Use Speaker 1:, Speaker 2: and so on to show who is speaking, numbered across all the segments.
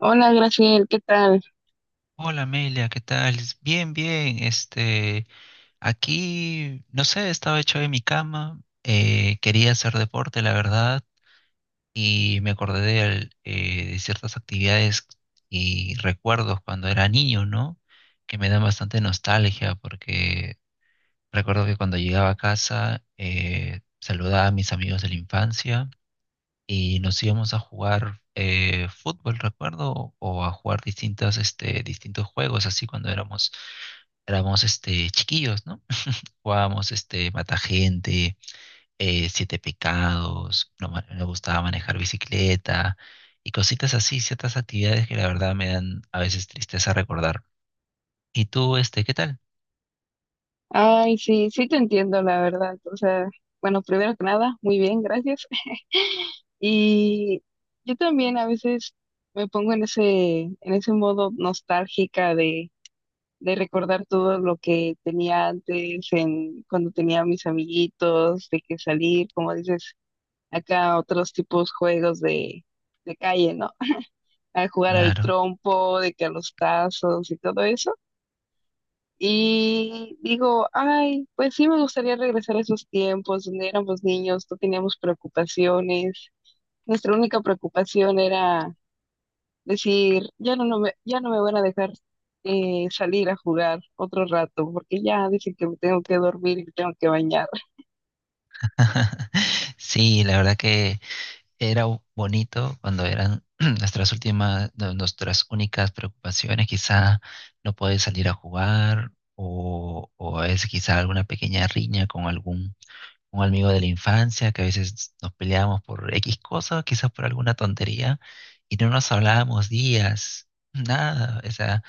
Speaker 1: Hola, Graciel, ¿qué tal?
Speaker 2: Hola Amelia, ¿qué tal? Bien, bien. Aquí, no sé, estaba hecho en mi cama, quería hacer deporte, la verdad, y me acordé de ciertas actividades y recuerdos cuando era niño, ¿no? Que me dan bastante nostalgia porque recuerdo que cuando llegaba a casa, saludaba a mis amigos de la infancia y nos íbamos a jugar fútbol, recuerdo, o a jugar distintos juegos, así cuando éramos chiquillos, ¿no? Jugábamos mata gente, siete pecados, no ma- me gustaba manejar bicicleta y cositas así, ciertas actividades que la verdad me dan a veces tristeza recordar. ¿Y tú, qué tal?
Speaker 1: Ay, sí, sí te entiendo, la verdad. O sea, bueno, primero que nada, muy bien, gracias. Y yo también a veces me pongo en ese modo nostálgica de recordar todo lo que tenía antes, en, cuando tenía a mis amiguitos, de que salir, como dices, acá a otros tipos juegos de calle, ¿no? A jugar al
Speaker 2: Claro.
Speaker 1: trompo, de que a los tazos y todo eso. Y digo, ay, pues sí me gustaría regresar a esos tiempos donde éramos niños, no teníamos preocupaciones. Nuestra única preocupación era decir, ya no, ya no me van a dejar salir a jugar otro rato, porque ya dicen que me tengo que dormir y me tengo que bañar.
Speaker 2: Sí, la verdad que era bonito cuando eran nuestras únicas preocupaciones, quizá no poder salir a jugar o a veces quizá alguna pequeña riña con algún un amigo de la infancia, que a veces nos peleábamos por X cosas, quizás por alguna tontería, y no nos hablábamos días, nada, o sea,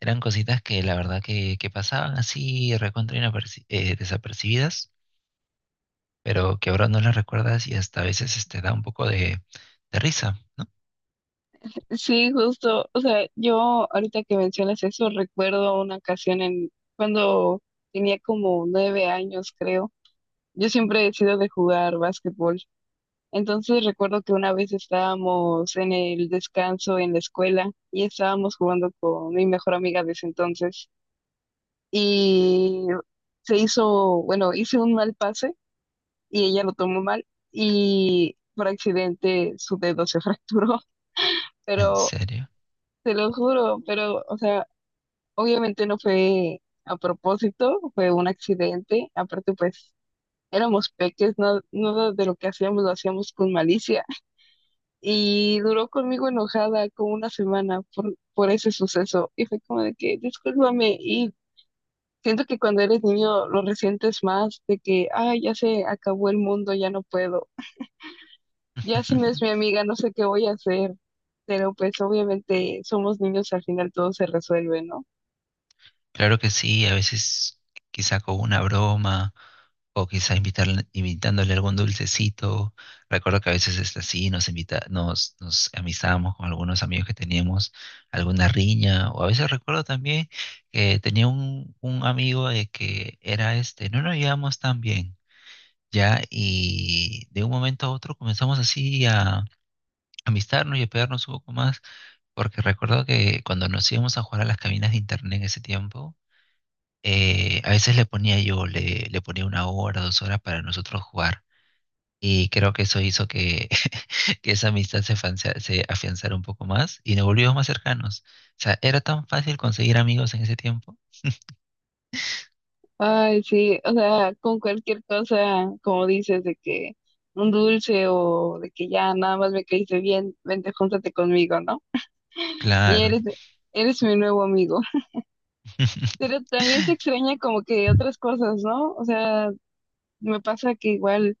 Speaker 2: eran cositas que la verdad que pasaban así recontra desapercibidas, pero que ahora no las recuerdas y hasta a veces da un poco de risa.
Speaker 1: Sí, justo, o sea, yo ahorita que mencionas eso, recuerdo una ocasión en cuando tenía como 9 años, creo. Yo siempre he sido de jugar básquetbol. Entonces recuerdo que una vez estábamos en el descanso en la escuela y estábamos jugando con mi mejor amiga de ese entonces y se hizo, bueno, hice un mal pase y ella lo tomó mal y por accidente su dedo se fracturó,
Speaker 2: ¿En
Speaker 1: pero
Speaker 2: serio?
Speaker 1: te lo juro, pero o sea, obviamente no fue a propósito, fue un accidente, aparte pues éramos peques, no, nada de lo que hacíamos lo hacíamos con malicia. Y duró conmigo enojada como una semana por ese suceso. Y fue como de que, discúlpame. Y siento que cuando eres niño lo resientes más de que, ay, ya se acabó el mundo, ya no puedo. Ya si no es mi amiga, no sé qué voy a hacer. Pero pues obviamente somos niños, al final todo se resuelve, ¿no?
Speaker 2: Claro que sí, a veces quizá con una broma o quizá invitándole algún dulcecito. Recuerdo que a veces es así, nos amistábamos con algunos amigos que teníamos alguna riña, o a veces recuerdo también que tenía un amigo de que era no nos llevamos tan bien, ya, y de un momento a otro comenzamos así a amistarnos y a pegarnos un poco más. Porque recuerdo que cuando nos íbamos a jugar a las cabinas de internet en ese tiempo, a veces le ponía 1 hora, 2 horas para nosotros jugar. Y creo que eso hizo que, que esa amistad se afianzara un poco más y nos volvimos más cercanos. O sea, era tan fácil conseguir amigos en ese tiempo.
Speaker 1: Ay, sí, o sea, con cualquier cosa, como dices, de que un dulce o de que ya nada más me caíste bien, vente, júntate conmigo, ¿no? Ya
Speaker 2: Claro.
Speaker 1: eres, eres mi nuevo amigo. Pero también se extraña como que otras cosas, ¿no? O sea, me pasa que igual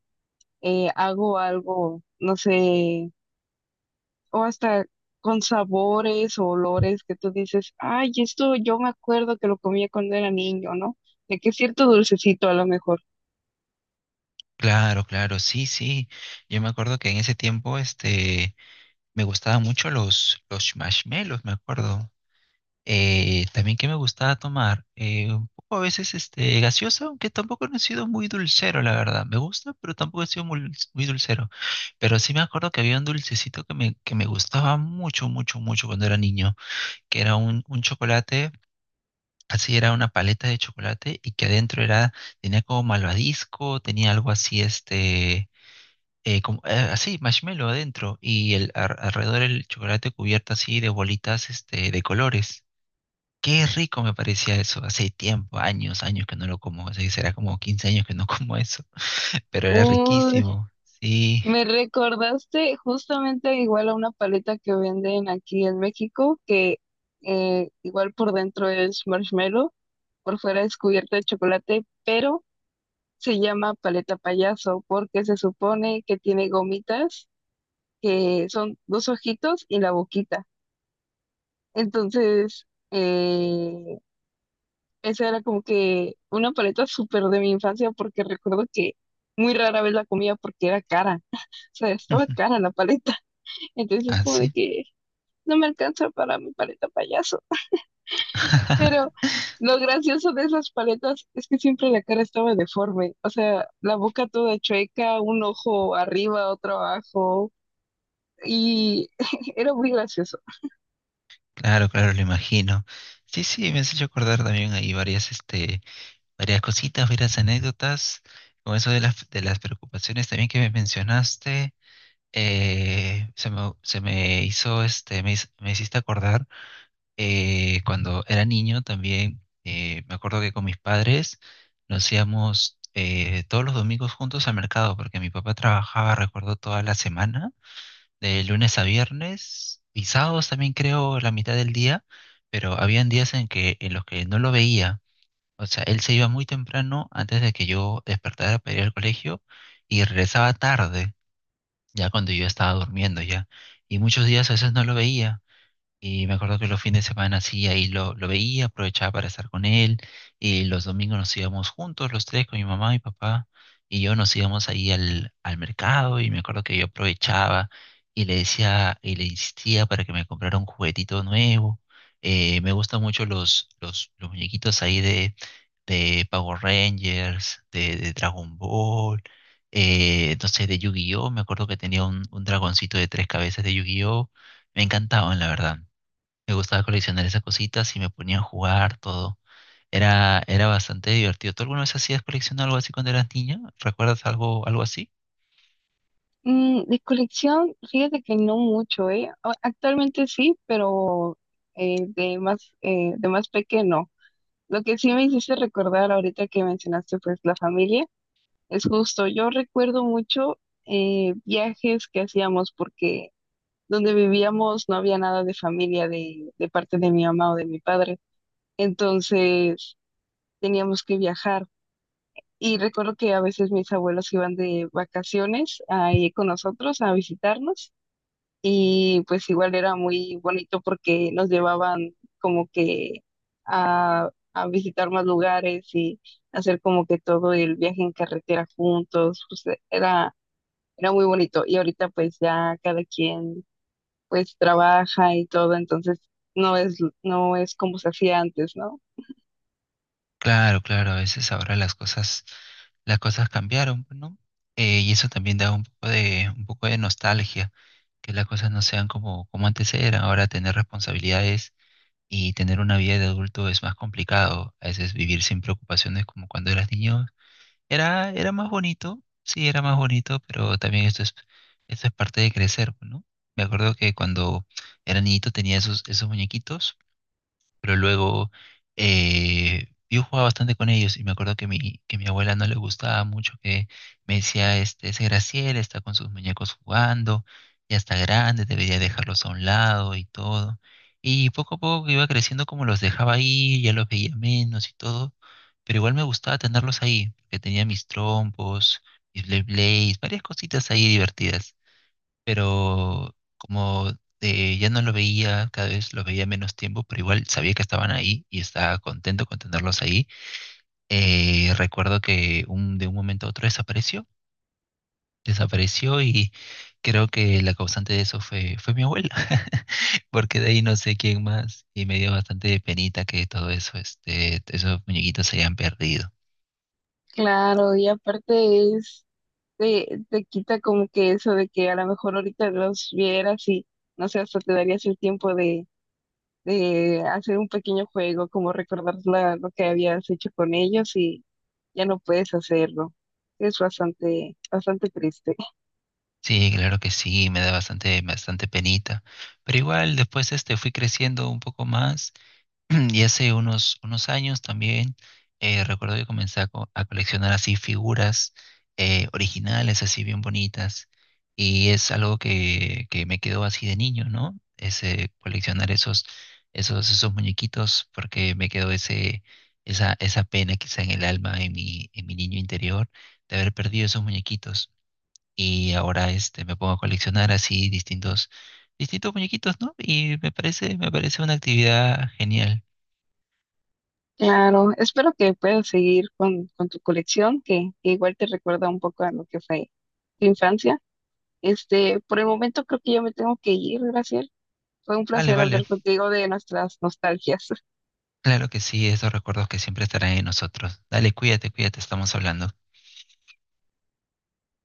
Speaker 1: hago algo, no sé, o hasta con sabores o olores que tú dices, ay, esto yo me acuerdo que lo comía cuando era niño, ¿no? De que cierto dulcecito a lo mejor.
Speaker 2: Claro, claro, sí, sí. Yo me acuerdo que en ese tiempo, me gustaban mucho los marshmallows, me acuerdo. También que me gustaba tomar, un poco a veces gaseosa, aunque tampoco no he sido muy dulcero, la verdad. Me gusta, pero tampoco he sido muy dulcero. Pero sí me acuerdo que había un dulcecito que me gustaba mucho, mucho, mucho cuando era niño, que era un chocolate, así era una paleta de chocolate y que tenía como malvadisco, tenía algo así, como, marshmallow adentro y alrededor el chocolate cubierto así de bolitas de colores. Qué rico me parecía eso. Hace tiempo, años, años que no lo como. O sea, será como 15 años que no como eso. Pero era
Speaker 1: Uy,
Speaker 2: riquísimo. Sí.
Speaker 1: me recordaste justamente igual a una paleta que venden aquí en México, que igual por dentro es marshmallow, por fuera es cubierta de chocolate, pero se llama paleta payaso porque se supone que tiene gomitas que son dos ojitos y la boquita. Entonces, esa era como que una paleta súper de mi infancia porque recuerdo que muy rara vez la comía porque era cara. O sea, estaba cara la paleta. Entonces,
Speaker 2: Ah,
Speaker 1: como de
Speaker 2: sí.
Speaker 1: que no me alcanza para mi paleta payaso. Pero lo gracioso de esas paletas es que siempre la cara estaba deforme, o sea, la boca toda chueca, un ojo arriba, otro abajo, y era muy gracioso.
Speaker 2: Claro, claro, lo imagino. Sí, sí, me has hecho acordar también ahí varias cositas, varias anécdotas. Con eso de las preocupaciones también que me mencionaste, se me hizo, este, me, hiz- me hiciste acordar cuando era niño también me acuerdo que con mis padres nos íbamos todos los domingos juntos al mercado, porque mi papá trabajaba, recuerdo, toda la semana, de lunes a viernes, y sábados también creo la mitad del día, pero habían días en los que no lo veía. O sea, él se iba muy temprano antes de que yo despertara para ir al colegio y regresaba tarde, ya cuando yo estaba durmiendo ya. Y muchos días a veces no lo veía. Y me acuerdo que los fines de semana sí, ahí lo veía, aprovechaba para estar con él. Y los domingos nos íbamos juntos, los tres, con mi mamá, mi papá y yo nos íbamos ahí al mercado. Y me acuerdo que yo aprovechaba y le decía y le insistía para que me comprara un juguetito nuevo. Me gustan mucho los muñequitos ahí de Power Rangers, de Dragon Ball, no sé, de Yu-Gi-Oh! Me acuerdo que tenía un dragoncito de tres cabezas de Yu-Gi-Oh! Me encantaban, la verdad. Me gustaba coleccionar esas cositas y me ponía a jugar todo. Era bastante divertido. ¿Tú alguna vez hacías colección o algo así cuando eras niña? ¿Recuerdas algo, algo así?
Speaker 1: Mm, de colección, fíjate que no mucho, ¿eh? A- Actualmente sí, pero de más pequeño. Lo que sí me hiciste recordar ahorita que mencionaste pues la familia, es justo, yo recuerdo mucho viajes que hacíamos porque donde vivíamos no había nada de familia de parte de mi mamá o de mi padre. Entonces teníamos que viajar. Y recuerdo que a veces mis abuelos iban de vacaciones ahí con nosotros a visitarnos. Y pues igual era muy bonito porque nos llevaban como que a visitar más lugares y hacer como que todo el viaje en carretera juntos. Pues era, era muy bonito. Y ahorita pues ya cada quien pues trabaja y todo, entonces no es, no es como se hacía antes, ¿no?
Speaker 2: Claro, claro, a veces ahora las cosas cambiaron, pues, ¿no? Y eso también da un poco de nostalgia, que las cosas no sean como antes eran. Ahora tener responsabilidades y tener una vida de adulto es más complicado. A veces vivir sin preocupaciones como cuando eras niño. Era más bonito, sí, era más bonito, pero también esto es parte de crecer, ¿no? Me acuerdo que cuando era niñito tenía esos muñequitos pero luego yo jugaba bastante con ellos y me acuerdo que mi abuela no le gustaba mucho que me decía, ese Graciel está con sus muñecos jugando, ya está grande, debería dejarlos a un lado y todo. Y poco a poco que iba creciendo como los dejaba ahí, ya los veía menos y todo, pero igual me gustaba tenerlos ahí, porque tenía mis trompos, mis Blade blades, varias cositas ahí divertidas pero como ya no lo veía, cada vez lo veía menos tiempo, pero igual sabía que estaban ahí y estaba contento con tenerlos ahí. Recuerdo que de un momento a otro desapareció, desapareció y creo que la causante de eso fue mi abuela, porque de ahí no sé quién más y me dio bastante penita que todo eso, esos muñequitos se hayan perdido.
Speaker 1: Claro, y aparte es, te quita como que eso de que a lo mejor ahorita los vieras y no sé, hasta te darías el tiempo de hacer un pequeño juego, como recordar lo que habías hecho con ellos y ya no puedes hacerlo. Es bastante, bastante triste.
Speaker 2: Sí, claro que sí, me da bastante, bastante penita. Pero igual después fui creciendo un poco más. Y hace unos años también recuerdo que comencé a coleccionar así figuras originales, así bien bonitas. Y es algo que me quedó así de niño, ¿no? Ese coleccionar esos muñequitos, porque me quedó esa pena quizá en el alma, en mi niño interior, de haber perdido esos muñequitos. Y ahora me pongo a coleccionar así distintos, distintos muñequitos, ¿no? Y me parece una actividad genial.
Speaker 1: Claro, espero que puedas seguir con tu colección, que igual te recuerda un poco a lo que fue tu infancia. Este, por el momento creo que yo me tengo que ir, Graciela. Fue un
Speaker 2: Vale,
Speaker 1: placer
Speaker 2: vale.
Speaker 1: hablar contigo de nuestras nostalgias.
Speaker 2: Claro que sí, esos recuerdos que siempre estarán en nosotros. Dale, cuídate, cuídate, estamos hablando.